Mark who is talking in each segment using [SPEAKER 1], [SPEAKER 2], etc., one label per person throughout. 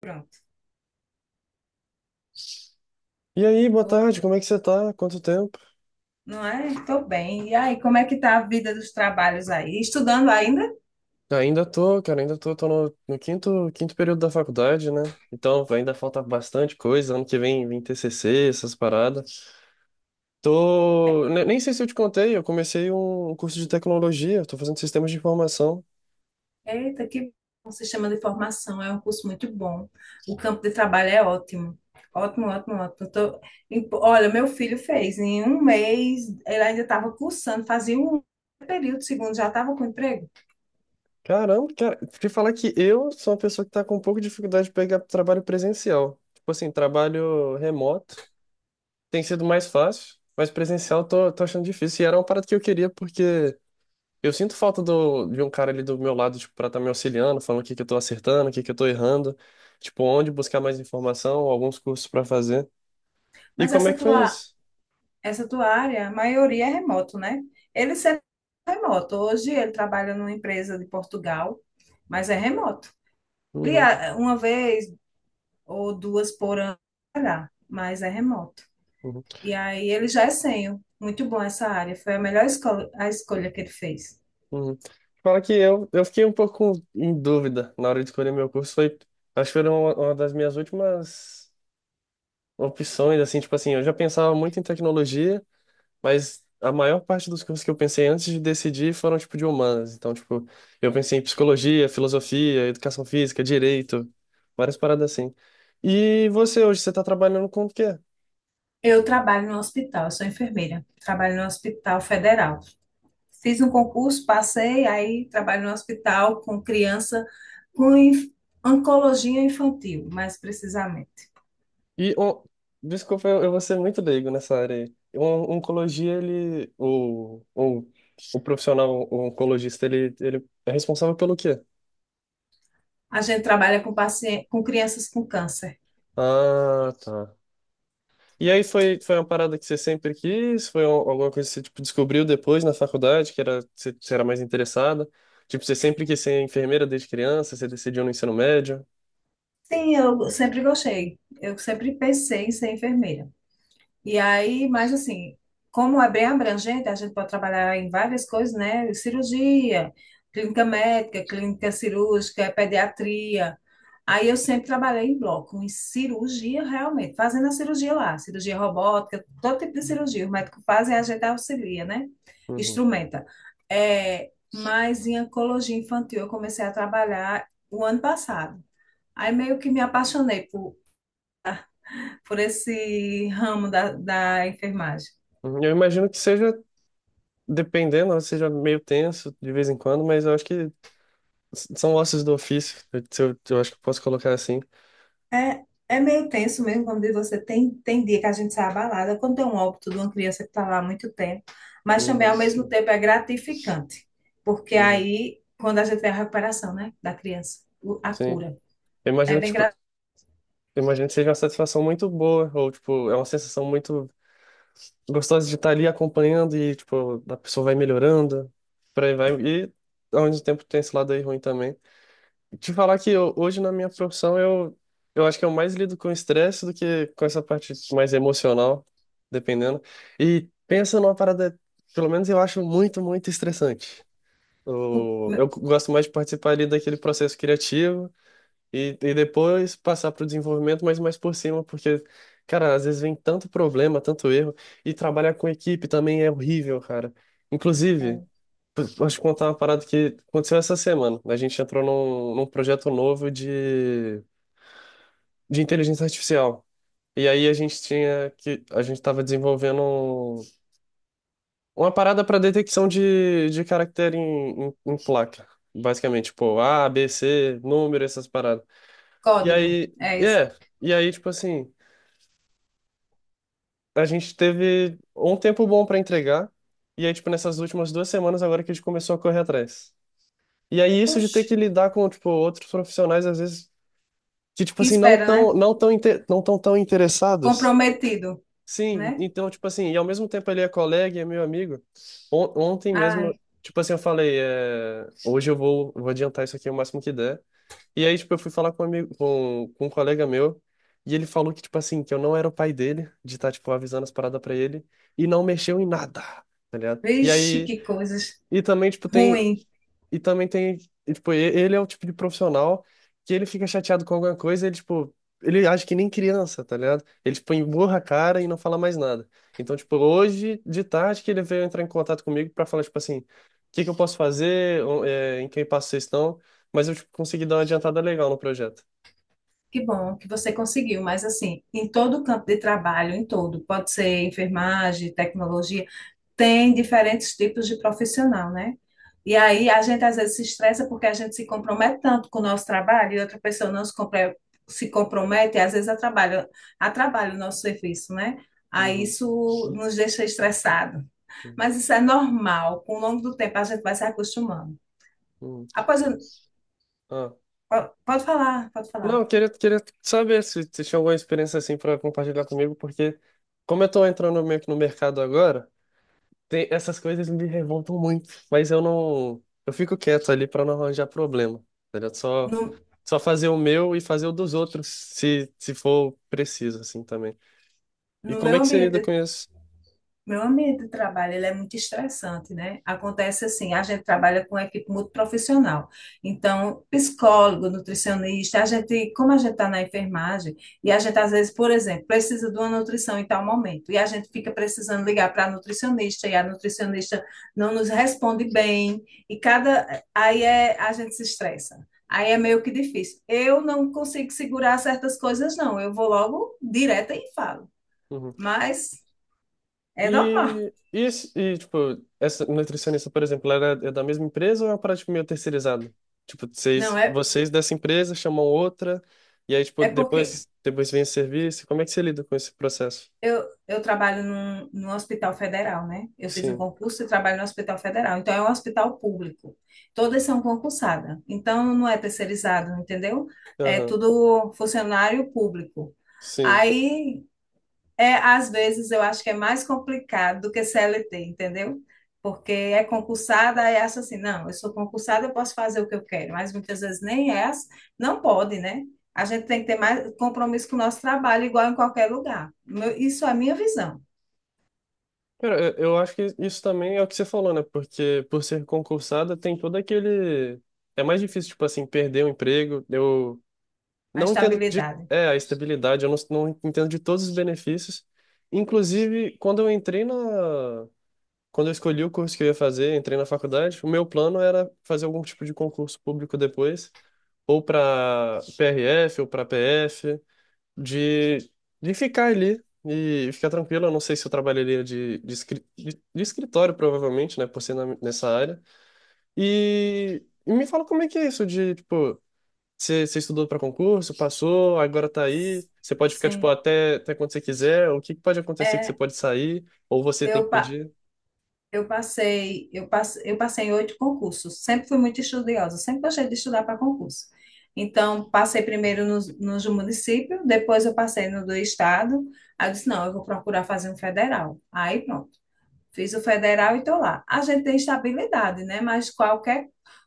[SPEAKER 1] Pronto.
[SPEAKER 2] E aí, boa tarde, como é que você tá? Quanto tempo?
[SPEAKER 1] Não é? Tô bem. E aí, como é que tá a vida dos trabalhos aí? Estudando ainda?
[SPEAKER 2] Ainda tô, cara, ainda tô, no quinto período da faculdade, né? Então ainda falta bastante coisa, ano que vem vem TCC, essas paradas.
[SPEAKER 1] É.
[SPEAKER 2] Tô, nem sei se eu te contei, eu comecei um curso de tecnologia, tô fazendo sistemas de informação.
[SPEAKER 1] Eita, que bom. Se chama de formação, é um curso muito bom. O campo de trabalho é ótimo. Ótimo, ótimo, ótimo. Tô... Olha, meu filho fez em um mês, ele ainda estava cursando, fazia um período, segundo, já estava com emprego.
[SPEAKER 2] Caramba, cara, te falar que eu sou uma pessoa que tá com um pouco de dificuldade de pegar trabalho presencial. Tipo assim, trabalho remoto tem sido mais fácil, mas presencial tô achando difícil. E era uma parada que eu queria porque eu sinto falta de um cara ali do meu lado, tipo, pra estar me auxiliando, falando o que que eu tô acertando, o que que eu tô errando, tipo, onde buscar mais informação, alguns cursos pra fazer. E
[SPEAKER 1] Mas
[SPEAKER 2] como é
[SPEAKER 1] essa
[SPEAKER 2] que foi
[SPEAKER 1] tua,
[SPEAKER 2] isso?
[SPEAKER 1] essa tua área, a maioria é remoto, né? Ele sempre é remoto. Hoje ele trabalha numa empresa de Portugal, mas é remoto. Ele,
[SPEAKER 2] Uhum,
[SPEAKER 1] ah, uma vez ou duas por ano, mas é remoto.
[SPEAKER 2] uhum,
[SPEAKER 1] E aí ele já é sênior. Muito bom essa área. Foi a melhor escolha, a escolha que ele fez.
[SPEAKER 2] uhum. Fala que eu fiquei um pouco em dúvida na hora de escolher meu curso, foi, acho que foi uma das minhas últimas opções, assim, tipo assim, eu já pensava muito em tecnologia, mas a maior parte dos cursos que eu pensei antes de decidir foram, tipo, de humanas. Então, tipo, eu pensei em psicologia, filosofia, educação física, direito, várias paradas assim. E você hoje, você tá trabalhando com o quê?
[SPEAKER 1] Eu trabalho no hospital, eu sou enfermeira. Trabalho no Hospital Federal. Fiz um concurso, passei, aí trabalho no hospital com criança com inf- oncologia infantil, mais precisamente.
[SPEAKER 2] E, on- Desculpa, eu vou ser muito leigo nessa área aí. Um, oncologia, o profissional oncologista, ele é responsável pelo quê?
[SPEAKER 1] A gente trabalha com paciente, com crianças com câncer.
[SPEAKER 2] Ah, tá. E aí foi, foi uma parada que você sempre quis? Foi alguma coisa que você, tipo, descobriu depois na faculdade, que era, você era mais interessada? Tipo, você sempre quis ser enfermeira desde criança, você decidiu no ensino médio?
[SPEAKER 1] Sim, eu sempre gostei. Eu sempre pensei em ser enfermeira. E aí, mas assim, como é bem abrangente, a gente pode trabalhar em várias coisas, né? Cirurgia, clínica médica, clínica cirúrgica, pediatria. Aí eu sempre trabalhei em bloco, em cirurgia realmente, fazendo a cirurgia lá, cirurgia robótica, todo tipo de cirurgia. O médico faz e a gente auxilia, né?
[SPEAKER 2] Uhum.
[SPEAKER 1] Instrumenta. É, mas em oncologia infantil eu comecei a trabalhar o ano passado. Aí meio que me apaixonei por esse ramo da enfermagem.
[SPEAKER 2] Uhum. Eu imagino que seja, dependendo, né, seja meio tenso de vez em quando, mas eu acho que são ossos do ofício, eu, se eu, eu acho que eu posso colocar assim.
[SPEAKER 1] É, é meio tenso mesmo quando você tem dia que a gente sai abalada, quando tem um óbito de uma criança que está lá há muito tempo, mas também
[SPEAKER 2] Uhum.
[SPEAKER 1] ao mesmo tempo é gratificante, porque
[SPEAKER 2] Uhum.
[SPEAKER 1] aí, quando a gente vê a recuperação, né, da criança, a
[SPEAKER 2] Sim.
[SPEAKER 1] cura,
[SPEAKER 2] Eu
[SPEAKER 1] é
[SPEAKER 2] imagino que,
[SPEAKER 1] bem
[SPEAKER 2] tipo,
[SPEAKER 1] gra...
[SPEAKER 2] eu imagino que seja uma satisfação muito boa, ou, tipo, é uma sensação muito gostosa de estar ali acompanhando e, tipo, a pessoa vai melhorando, por aí vai. E ao mesmo tempo tem esse lado aí ruim também. Te falar que hoje na minha profissão eu acho que eu mais lido com estresse do que com essa parte mais emocional, dependendo. E pensa numa parada, pelo menos eu acho muito, muito estressante. Eu gosto mais de participar ali daquele processo criativo. E depois passar para o desenvolvimento, mas mais por cima, porque, cara, às vezes vem tanto problema, tanto erro, e trabalhar com equipe também é horrível, cara. Inclusive,
[SPEAKER 1] é,
[SPEAKER 2] vou te contar uma parada que aconteceu essa semana. A gente entrou num projeto novo de inteligência artificial. E aí a gente tinha que, a gente estava desenvolvendo uma parada para detecção de caractere em, em, em placa. Basicamente, tipo, A, B, C, número, essas paradas. E
[SPEAKER 1] código,
[SPEAKER 2] aí,
[SPEAKER 1] é isso.
[SPEAKER 2] é, e aí, tipo assim, a gente teve um tempo bom pra entregar, e aí, tipo, nessas últimas duas semanas agora que a gente começou a correr atrás. E aí, isso de
[SPEAKER 1] Oxe,
[SPEAKER 2] ter que lidar com, tipo, outros profissionais, às vezes, que, tipo
[SPEAKER 1] que
[SPEAKER 2] assim, não
[SPEAKER 1] espera,
[SPEAKER 2] tão,
[SPEAKER 1] né?
[SPEAKER 2] não tão, inte- não tão, tão interessados.
[SPEAKER 1] Comprometido,
[SPEAKER 2] Sim,
[SPEAKER 1] né?
[SPEAKER 2] então, tipo assim, e ao mesmo tempo ele é colega e é meu amigo. Ontem mesmo,
[SPEAKER 1] Ai,
[SPEAKER 2] tipo assim, eu falei, é, hoje vou adiantar isso aqui o máximo que der. E aí, tipo, eu fui falar com um amigo, com um colega meu, e ele falou que, tipo assim, que eu não era o pai dele, de estar, tipo, avisando as paradas pra ele, e não mexeu em nada, tá ligado? E
[SPEAKER 1] vixe,
[SPEAKER 2] aí,
[SPEAKER 1] que coisas
[SPEAKER 2] e também, tipo, tem,
[SPEAKER 1] ruim.
[SPEAKER 2] e também tem, e, tipo, ele é o tipo de profissional que ele fica chateado com alguma coisa, ele, tipo, ele age que nem criança, tá ligado? Ele, tipo, emburra a cara e não fala mais nada. Então, tipo, hoje de tarde que ele veio entrar em contato comigo pra falar, tipo assim, o que que eu posso fazer, em que passo vocês estão, mas eu, tipo, consegui dar uma adiantada legal no projeto.
[SPEAKER 1] Que bom que você conseguiu, mas assim, em todo o campo de trabalho, em todo, pode ser enfermagem, tecnologia, tem diferentes tipos de profissional, né? E aí a gente às vezes se estressa porque a gente se compromete tanto com o nosso trabalho e outra pessoa se compromete e às vezes atrapalha, atrapalha o nosso serviço, né? Aí
[SPEAKER 2] Uhum,
[SPEAKER 1] isso nos deixa estressado.
[SPEAKER 2] uhum,
[SPEAKER 1] Mas isso é normal, com o longo do tempo a gente vai se acostumando.
[SPEAKER 2] uhum.
[SPEAKER 1] Após,
[SPEAKER 2] Ah.
[SPEAKER 1] pode falar, pode
[SPEAKER 2] Não,
[SPEAKER 1] falar.
[SPEAKER 2] queria saber se você tinha alguma experiência assim para compartilhar comigo, porque como eu tô entrando meio que no mercado agora, essas coisas me revoltam muito, mas eu não. Eu fico quieto ali pra não arranjar problema. Tá ligado?
[SPEAKER 1] No,
[SPEAKER 2] Só fazer o meu e fazer o dos outros, se for preciso, assim também. E
[SPEAKER 1] no
[SPEAKER 2] como
[SPEAKER 1] meu
[SPEAKER 2] é que você lida com
[SPEAKER 1] ambiente
[SPEAKER 2] isso?
[SPEAKER 1] Meu ambiente de trabalho, ele é muito estressante, né? Acontece assim, a gente trabalha com equipe muito profissional. Então, psicólogo, nutricionista, a gente, como a gente está na enfermagem, e a gente às vezes, por exemplo, precisa de uma nutrição em tal momento, e a gente fica precisando ligar para a nutricionista, e a nutricionista não nos responde bem, e cada, aí é, a gente se estressa. Aí é meio que difícil. Eu não consigo segurar certas coisas, não. Eu vou logo direta e falo.
[SPEAKER 2] Uhum.
[SPEAKER 1] Mas é normal.
[SPEAKER 2] Tipo, essa nutricionista, por exemplo, ela é da mesma empresa ou é uma prática meio terceirizada? Tipo,
[SPEAKER 1] Não, é,
[SPEAKER 2] vocês dessa empresa chamam outra, e aí, tipo,
[SPEAKER 1] é porque
[SPEAKER 2] depois vem o serviço. Como é que você lida com esse processo?
[SPEAKER 1] eu trabalho num hospital federal, né? Eu fiz um
[SPEAKER 2] Sim.
[SPEAKER 1] concurso e trabalho no hospital federal. Então, é um hospital público. Todas são concursadas. Então, não é terceirizado, entendeu? É
[SPEAKER 2] Aham.
[SPEAKER 1] tudo funcionário público.
[SPEAKER 2] Sim.
[SPEAKER 1] Aí, é, às vezes eu acho que é mais complicado do que CLT, entendeu? Porque é concursada e acha assim, não, eu sou concursada, eu posso fazer o que eu quero, mas muitas vezes nem é, ass- não pode, né? A gente tem que ter mais compromisso com o nosso trabalho, igual em qualquer lugar. Isso é a minha visão,
[SPEAKER 2] Cara, eu acho que isso também é o que você falou, né? Porque por ser concursada tem todo aquele. É mais difícil, tipo assim, perder o emprego. Eu
[SPEAKER 1] a
[SPEAKER 2] não entendo de.
[SPEAKER 1] estabilidade.
[SPEAKER 2] É, a estabilidade, eu não, não entendo de todos os benefícios. Inclusive, quando eu entrei na. Quando eu escolhi o curso que eu ia fazer, entrei na faculdade, o meu plano era fazer algum tipo de concurso público depois, ou para PRF, ou para PF de, de ficar ali e ficar tranquilo. Eu não sei se eu trabalharia de escritório, provavelmente, né, por ser nessa área. E me fala como é que é isso de, tipo, você estudou para concurso, passou, agora tá aí, você pode ficar, tipo,
[SPEAKER 1] Sim,
[SPEAKER 2] até quando você quiser, o que que pode acontecer que você
[SPEAKER 1] é,
[SPEAKER 2] pode sair, ou você tem que
[SPEAKER 1] eu, pa-
[SPEAKER 2] pedir.
[SPEAKER 1] eu passei, eu passei em 8 concursos. Sempre fui muito estudiosa, sempre gostei de estudar para concurso. Então, passei primeiro nos do município, depois eu passei no do estado. Aí eu disse, não, eu vou procurar fazer um federal. Aí, pronto. Fiz o federal e estou lá. A gente tem estabilidade, né? Mas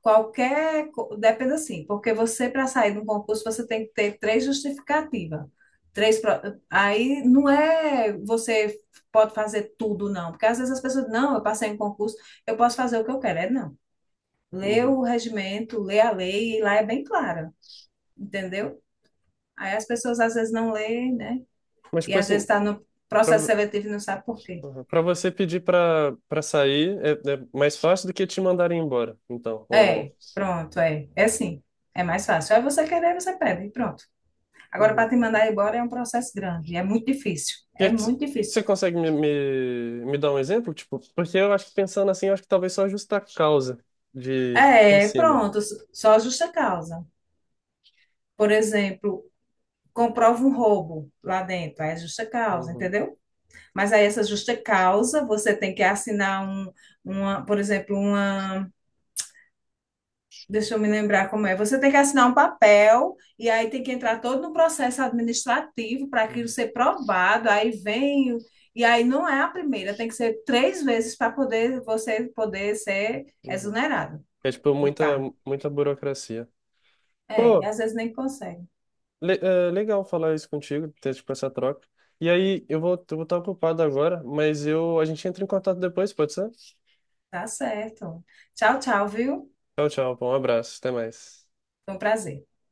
[SPEAKER 1] qualquer, depende assim, porque você, para sair de um concurso, você tem que ter 3 justificativas. Aí não é você pode fazer tudo, não. Porque às vezes as pessoas, não, eu passei em concurso, eu posso fazer o que eu quero. É não. Lê
[SPEAKER 2] Uhum.
[SPEAKER 1] o regimento, lê a lei, e lá é bem clara, entendeu? Aí as pessoas às vezes não leem, né?
[SPEAKER 2] Mas,
[SPEAKER 1] E
[SPEAKER 2] tipo
[SPEAKER 1] às vezes
[SPEAKER 2] assim,
[SPEAKER 1] está no processo seletivo e não sabe por quê.
[SPEAKER 2] para você pedir para sair é, é mais fácil do que te mandarem embora, então, ou não?
[SPEAKER 1] É, pronto, é. É assim. É mais fácil. É você querer, você pede, e pronto. Agora, para
[SPEAKER 2] Uhum.
[SPEAKER 1] te mandar embora é um processo grande, é muito difícil.
[SPEAKER 2] E
[SPEAKER 1] É
[SPEAKER 2] aí, t-
[SPEAKER 1] muito
[SPEAKER 2] você
[SPEAKER 1] difícil.
[SPEAKER 2] consegue me dar um exemplo? Tipo, porque eu acho que pensando assim, eu acho que talvez só justa causa de por
[SPEAKER 1] É,
[SPEAKER 2] cima.
[SPEAKER 1] pronto, só justa causa. Por exemplo, comprova um roubo lá dentro, aí é justa causa,
[SPEAKER 2] Uhum,
[SPEAKER 1] entendeu? Mas aí essa justa causa, você tem que assinar um, uma, por exemplo, uma Deixa eu me lembrar como é. Você tem que assinar um papel e aí tem que entrar todo no processo administrativo para aquilo
[SPEAKER 2] uhum,
[SPEAKER 1] ser provado. Aí vem, o- e aí não é a primeira, tem que ser 3 vezes para poder você poder ser
[SPEAKER 2] uhum.
[SPEAKER 1] exonerado
[SPEAKER 2] É tipo
[SPEAKER 1] do
[SPEAKER 2] muita,
[SPEAKER 1] cargo.
[SPEAKER 2] muita burocracia.
[SPEAKER 1] É, e
[SPEAKER 2] Pô,
[SPEAKER 1] às vezes nem consegue.
[SPEAKER 2] legal falar isso contigo, ter tipo essa troca. E aí, eu vou estar ocupado agora, mas eu, a gente entra em contato depois, pode ser?
[SPEAKER 1] Tá certo. Tchau, tchau, viu?
[SPEAKER 2] Tchau, tchau, pô, um abraço, até mais.
[SPEAKER 1] Foi um prazer.